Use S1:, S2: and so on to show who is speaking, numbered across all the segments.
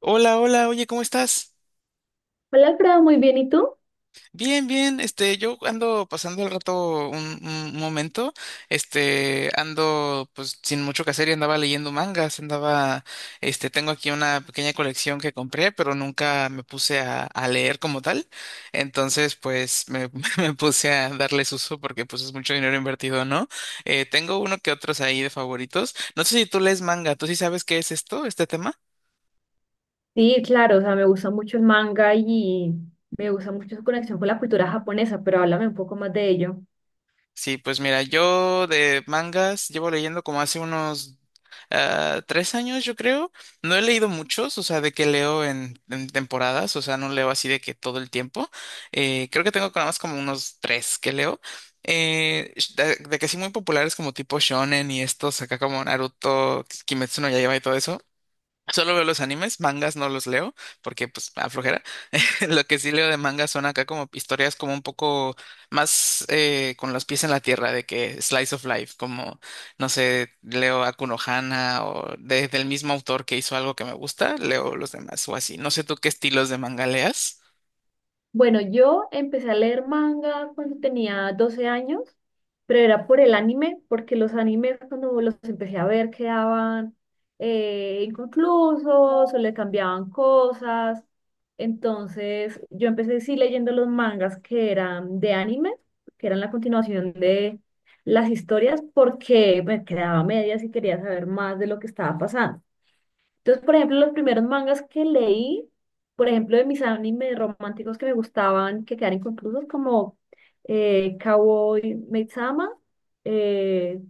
S1: Hola, hola, oye, ¿cómo estás?
S2: Hola, Alfredo, muy bien, ¿y tú?
S1: Bien, bien, yo ando pasando el rato un momento, ando pues sin mucho que hacer y andaba leyendo mangas, andaba, tengo aquí una pequeña colección que compré, pero nunca me puse a leer como tal, entonces pues me puse a darles uso porque pues es mucho dinero invertido, ¿no? Tengo uno que otros ahí de favoritos, no sé si tú lees manga, ¿tú sí sabes qué es esto, este tema?
S2: Sí, claro, o sea, me gusta mucho el manga y me gusta mucho su conexión con la cultura japonesa, pero háblame un poco más de ello.
S1: Sí, pues mira, yo de mangas llevo leyendo como hace unos tres años, yo creo. No he leído muchos, o sea, de que leo en temporadas, o sea, no leo así de que todo el tiempo. Creo que tengo nada más como unos tres que leo. De que sí muy populares como tipo shonen y estos acá como Naruto, Kimetsu no Yaiba y todo eso. Solo veo los animes, mangas no los leo porque pues me aflojera. Lo que sí leo de mangas son acá como historias como un poco más con los pies en la tierra de que slice of life, como no sé, leo a Kuno Hana o del mismo autor que hizo algo que me gusta, leo los demás o así. No sé tú qué estilos de manga leas.
S2: Bueno, yo empecé a leer manga cuando tenía 12 años, pero era por el anime, porque los animes cuando los empecé a ver quedaban inconclusos o le cambiaban cosas. Entonces yo empecé sí leyendo los mangas que eran de anime, que eran la continuación de las historias, porque me quedaba a medias y quería saber más de lo que estaba pasando. Entonces, por ejemplo, los primeros mangas que leí, por ejemplo, de mis animes románticos que me gustaban, que quedaron inconclusos, como Cowboy Maid-sama, eh,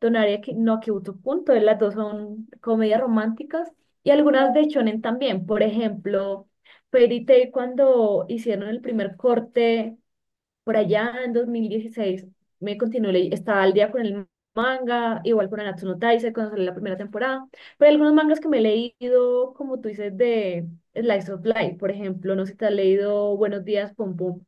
S2: Donaria no Kyutopun. Entonces las dos son comedias románticas, y algunas de shonen también. Por ejemplo, Fairy Tail, cuando hicieron el primer corte por allá en 2016, me continué, estaba al día con el manga, igual con Nanatsu no Taizai, cuando salió la primera temporada. Pero hay algunos mangas que me he leído, como tú dices, de Slice of Life. Por ejemplo, no sé si te has leído Buenos Días, Pum Pum.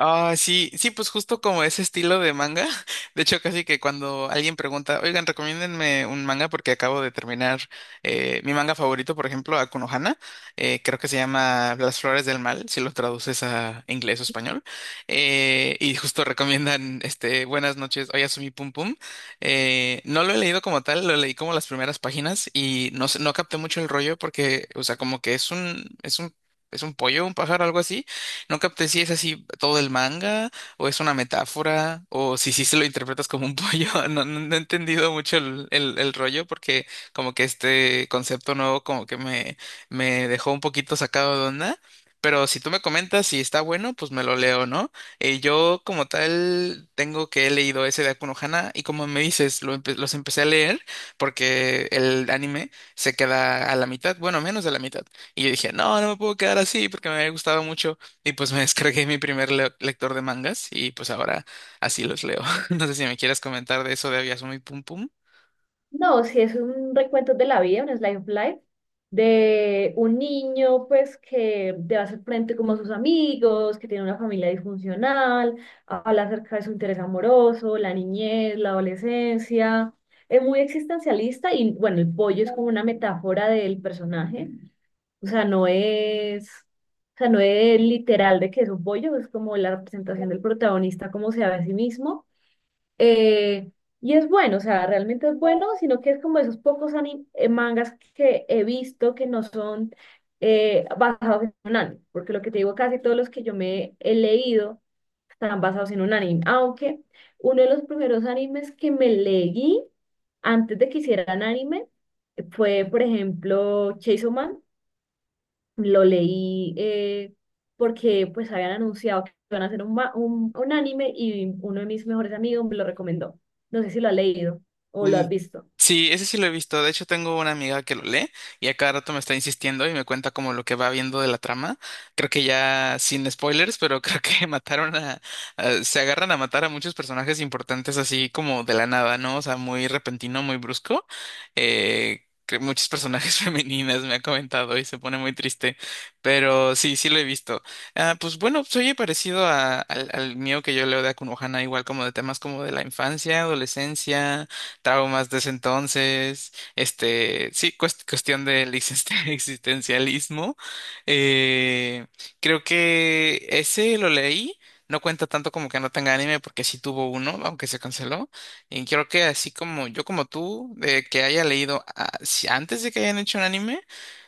S1: Ah, sí, sí, pues justo como ese estilo de manga. De hecho, casi que cuando alguien pregunta, oigan, recomiéndenme un manga porque acabo de terminar mi manga favorito, por ejemplo, Akuno Hana. Creo que se llama Las Flores del Mal, si lo traduces a inglés o español. Y justo recomiendan, este, Buenas noches, Oyasumi Pum Pum. No lo he leído como tal, lo leí como las primeras páginas y no, no capté mucho el rollo porque, o sea, como que es un pollo, un pájaro, algo así, no capté si es así todo el manga, o es una metáfora, o si sí se lo interpretas como un pollo. No, no, no he entendido mucho el rollo, porque como que este concepto nuevo como que me dejó un poquito sacado de onda. Pero si tú me comentas si está bueno, pues me lo leo, ¿no? Yo como tal tengo que he leído ese de Aku no Hana y como me dices, lo los empecé a leer porque el anime se queda a la mitad, bueno, menos de la mitad. Y yo dije, no, no me puedo quedar así porque me había gustado mucho. Y pues me descargué mi primer lector de mangas y pues ahora así los leo. No sé si me quieres comentar de eso de Abiasumi Pum Pum.
S2: No, si es un recuento de la vida, un slice of life, de un niño, pues, que debe hacer frente como a sus amigos, que tiene una familia disfuncional, habla acerca de su interés amoroso, la niñez, la adolescencia. Es muy existencialista y, bueno, el pollo es como una metáfora del personaje. O sea, no es literal de que es un pollo, es como la representación del protagonista, como se ve a sí mismo, eh, y es bueno, o sea, realmente es bueno, sino que es como esos pocos mangas que he visto que no son basados en un anime. Porque lo que te digo, casi todos los que yo me he leído están basados en un anime, aunque uno de los primeros animes que me leí antes de que hicieran anime fue, por ejemplo, Chainsaw Man. Lo leí porque pues habían anunciado que iban a hacer un anime, y uno de mis mejores amigos me lo recomendó. No sé si lo has leído o lo has visto.
S1: Sí, ese sí lo he visto. De hecho, tengo una amiga que lo lee y a cada rato me está insistiendo y me cuenta como lo que va viendo de la trama. Creo que ya sin spoilers, pero creo que mataron a, se agarran a matar a muchos personajes importantes así como de la nada, ¿no? O sea, muy repentino, muy brusco. Que muchos personajes femeninas me ha comentado y se pone muy triste. Pero sí, sí lo he visto. Ah, pues bueno, pues, oye, parecido al mío que yo leo de Akunohana, igual como de temas como de la infancia, adolescencia, traumas de ese entonces, este, sí, cuestión del existencialismo. Eh, Creo que ese lo leí. No cuenta tanto como que no tenga anime porque sí tuvo uno, aunque se canceló. Y creo que así como yo como tú, de que haya leído antes de que hayan hecho un anime,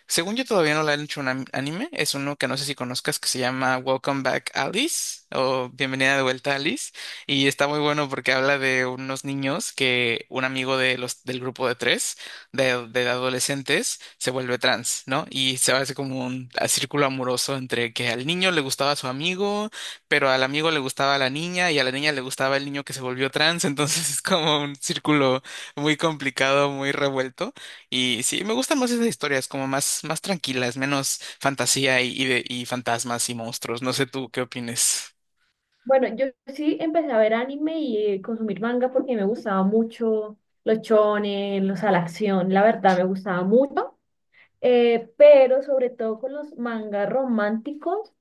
S1: según yo todavía no le han hecho un anime, es uno que no sé si conozcas que se llama Welcome Back Alice o Bienvenida de vuelta Alice. Y está muy bueno porque habla de unos niños que un amigo de del grupo de tres, de adolescentes, se vuelve trans, ¿no? Y se hace como un círculo amoroso entre que al niño le gustaba su amigo, pero al amigo le gustaba la niña y a la niña le gustaba el niño que se volvió trans. Entonces es como un círculo muy complicado, muy revuelto. Y sí, me gustan más esas historias, como más, más tranquilas, menos fantasía y fantasmas y monstruos. No sé tú qué opines.
S2: Bueno, yo sí empecé a ver anime y consumir manga porque me gustaba mucho los shonen, los a la acción, la verdad me gustaba mucho. Pero sobre todo con los mangas románticos,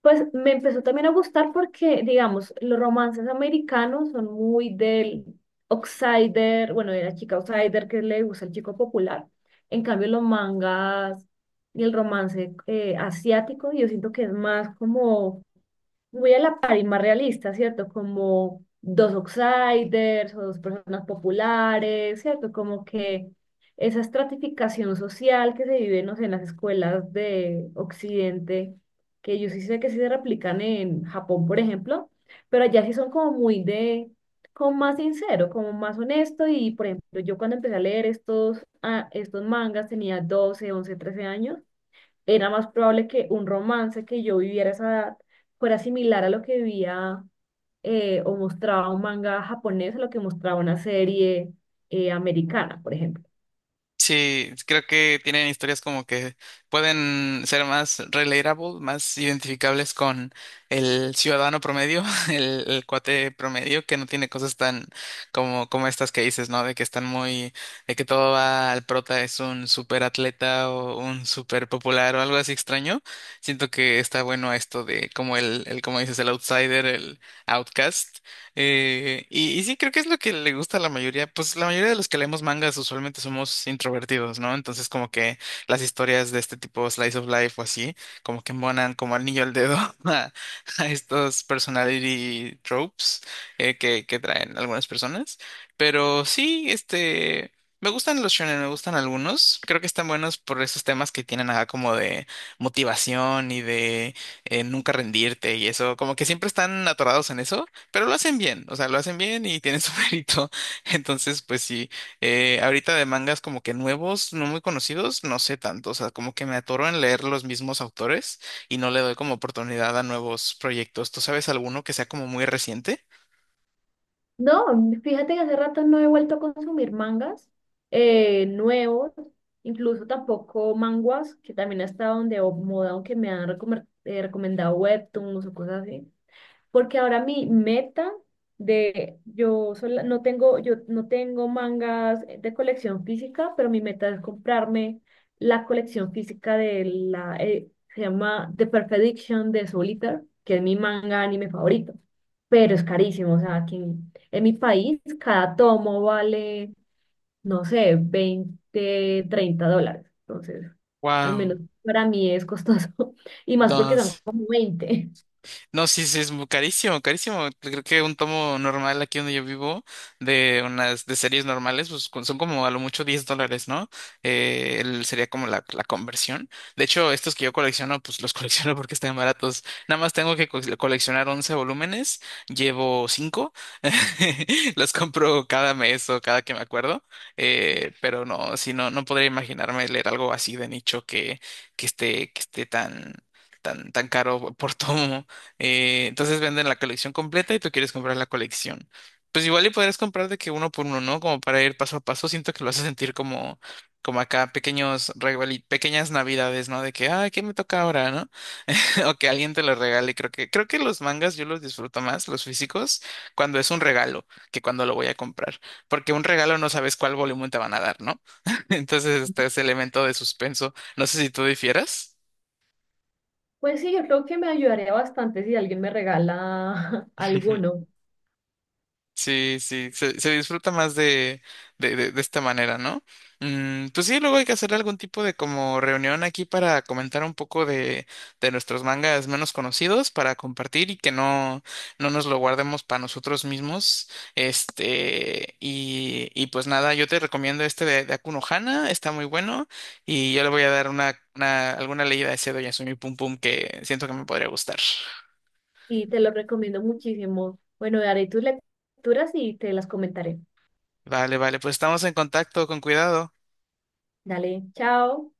S2: pues me empezó también a gustar porque, digamos, los romances americanos son muy del outsider, bueno, de la chica outsider que le gusta el chico popular. En cambio, los mangas y el romance asiático, yo siento que es más como muy a la par y más realista, ¿cierto? Como dos outsiders o dos personas populares, ¿cierto? Como que esa estratificación social que se vive, no sé, en las escuelas de Occidente, que yo sí sé que sí se replican en Japón, por ejemplo, pero allá sí son como muy de, como más sincero, como más honesto y, por ejemplo, yo cuando empecé a leer estos mangas tenía 12, 11, 13 años. Era más probable que un romance que yo viviera a esa edad fuera similar a lo que vivía o mostraba un manga japonés, a lo que mostraba una serie americana, por ejemplo.
S1: Sí, creo que tienen historias como que pueden ser más relatable, más identificables con el ciudadano promedio, el cuate promedio que no tiene cosas tan como, como estas que dices, ¿no? De que están muy, de que todo va al prota, es un super atleta o un super popular o algo así extraño. Siento que está bueno esto de como el como dices, el outsider, el outcast. Y sí, creo que es lo que le gusta a la mayoría. Pues la mayoría de los que leemos mangas usualmente somos introvertidos, ¿no? Entonces, como que las historias de este tipo, slice of life o así, como que embonan como al niño al dedo a, a estos personality tropes que traen algunas personas. Pero sí, este. Me gustan los shonen, me gustan algunos. Creo que están buenos por esos temas que tienen acá como de motivación y de nunca rendirte y eso. Como que siempre están atorados en eso. Pero lo hacen bien, o sea, lo hacen bien y tienen su mérito. Entonces, pues sí, ahorita de mangas como que nuevos, no muy conocidos, no sé tanto, o sea, como que me atoro en leer los mismos autores y no le doy como oportunidad a nuevos proyectos. ¿Tú sabes alguno que sea como muy reciente?
S2: No, fíjate que hace rato no he vuelto a consumir mangas nuevos, incluso tampoco manguas, que también ha estado de moda, aunque me han recomendado webtoons o cosas así. Porque ahora mi meta de yo sola- no tengo yo no tengo mangas de colección física, pero mi meta es comprarme la colección física de la, se llama The Perfect Diction de Solitaire, que es mi manga anime favorito. Pero es carísimo, o sea, aquí en mi país cada tomo vale, no sé, 20 30 dólares, entonces al
S1: Wow,
S2: menos para mí es costoso y más porque
S1: no.
S2: son como 20.
S1: No, sí, sí, es carísimo, carísimo. Creo que un tomo normal aquí donde yo vivo, de unas, de series normales, pues son como a lo mucho $10, ¿no? Sería como la conversión. De hecho, estos que yo colecciono, pues los colecciono porque están baratos. Nada más tengo que coleccionar 11 volúmenes, llevo 5 los compro cada mes o cada que me acuerdo. Pero no, sí, no, no podría imaginarme leer algo así de nicho que esté tan caro por tomo. Entonces venden la colección completa y tú quieres comprar la colección. Pues igual y podrías comprar de que uno por uno, ¿no? Como para ir paso a paso. Siento que lo hace sentir como, como acá pequeños pequeñas navidades, ¿no? De que, ah, ¿qué me toca ahora, no? O que alguien te lo regale. Creo creo que los mangas yo los disfruto más, los físicos, cuando es un regalo, que cuando lo voy a comprar. Porque un regalo no sabes cuál volumen te van a dar, ¿no? Entonces está ese elemento de suspenso. No sé si tú difieras.
S2: Pues sí, yo creo que me ayudaría bastante si alguien me regala alguno.
S1: Sí, sí, se disfruta más de esta manera, ¿no? Mm, pues sí, luego hay que hacer algún tipo de como reunión aquí para comentar un poco de nuestros mangas menos conocidos, para compartir y que no, no nos lo guardemos para nosotros mismos. Este, y pues nada, yo te recomiendo este de Akuno Hana, está muy bueno, y yo le voy a dar una alguna leída a ese Doyasumi Pum Pum que siento que me podría gustar.
S2: Y te lo recomiendo muchísimo. Bueno, haré tus lecturas y te las comentaré.
S1: Vale, vale, pues estamos en contacto, con cuidado.
S2: Dale, chao.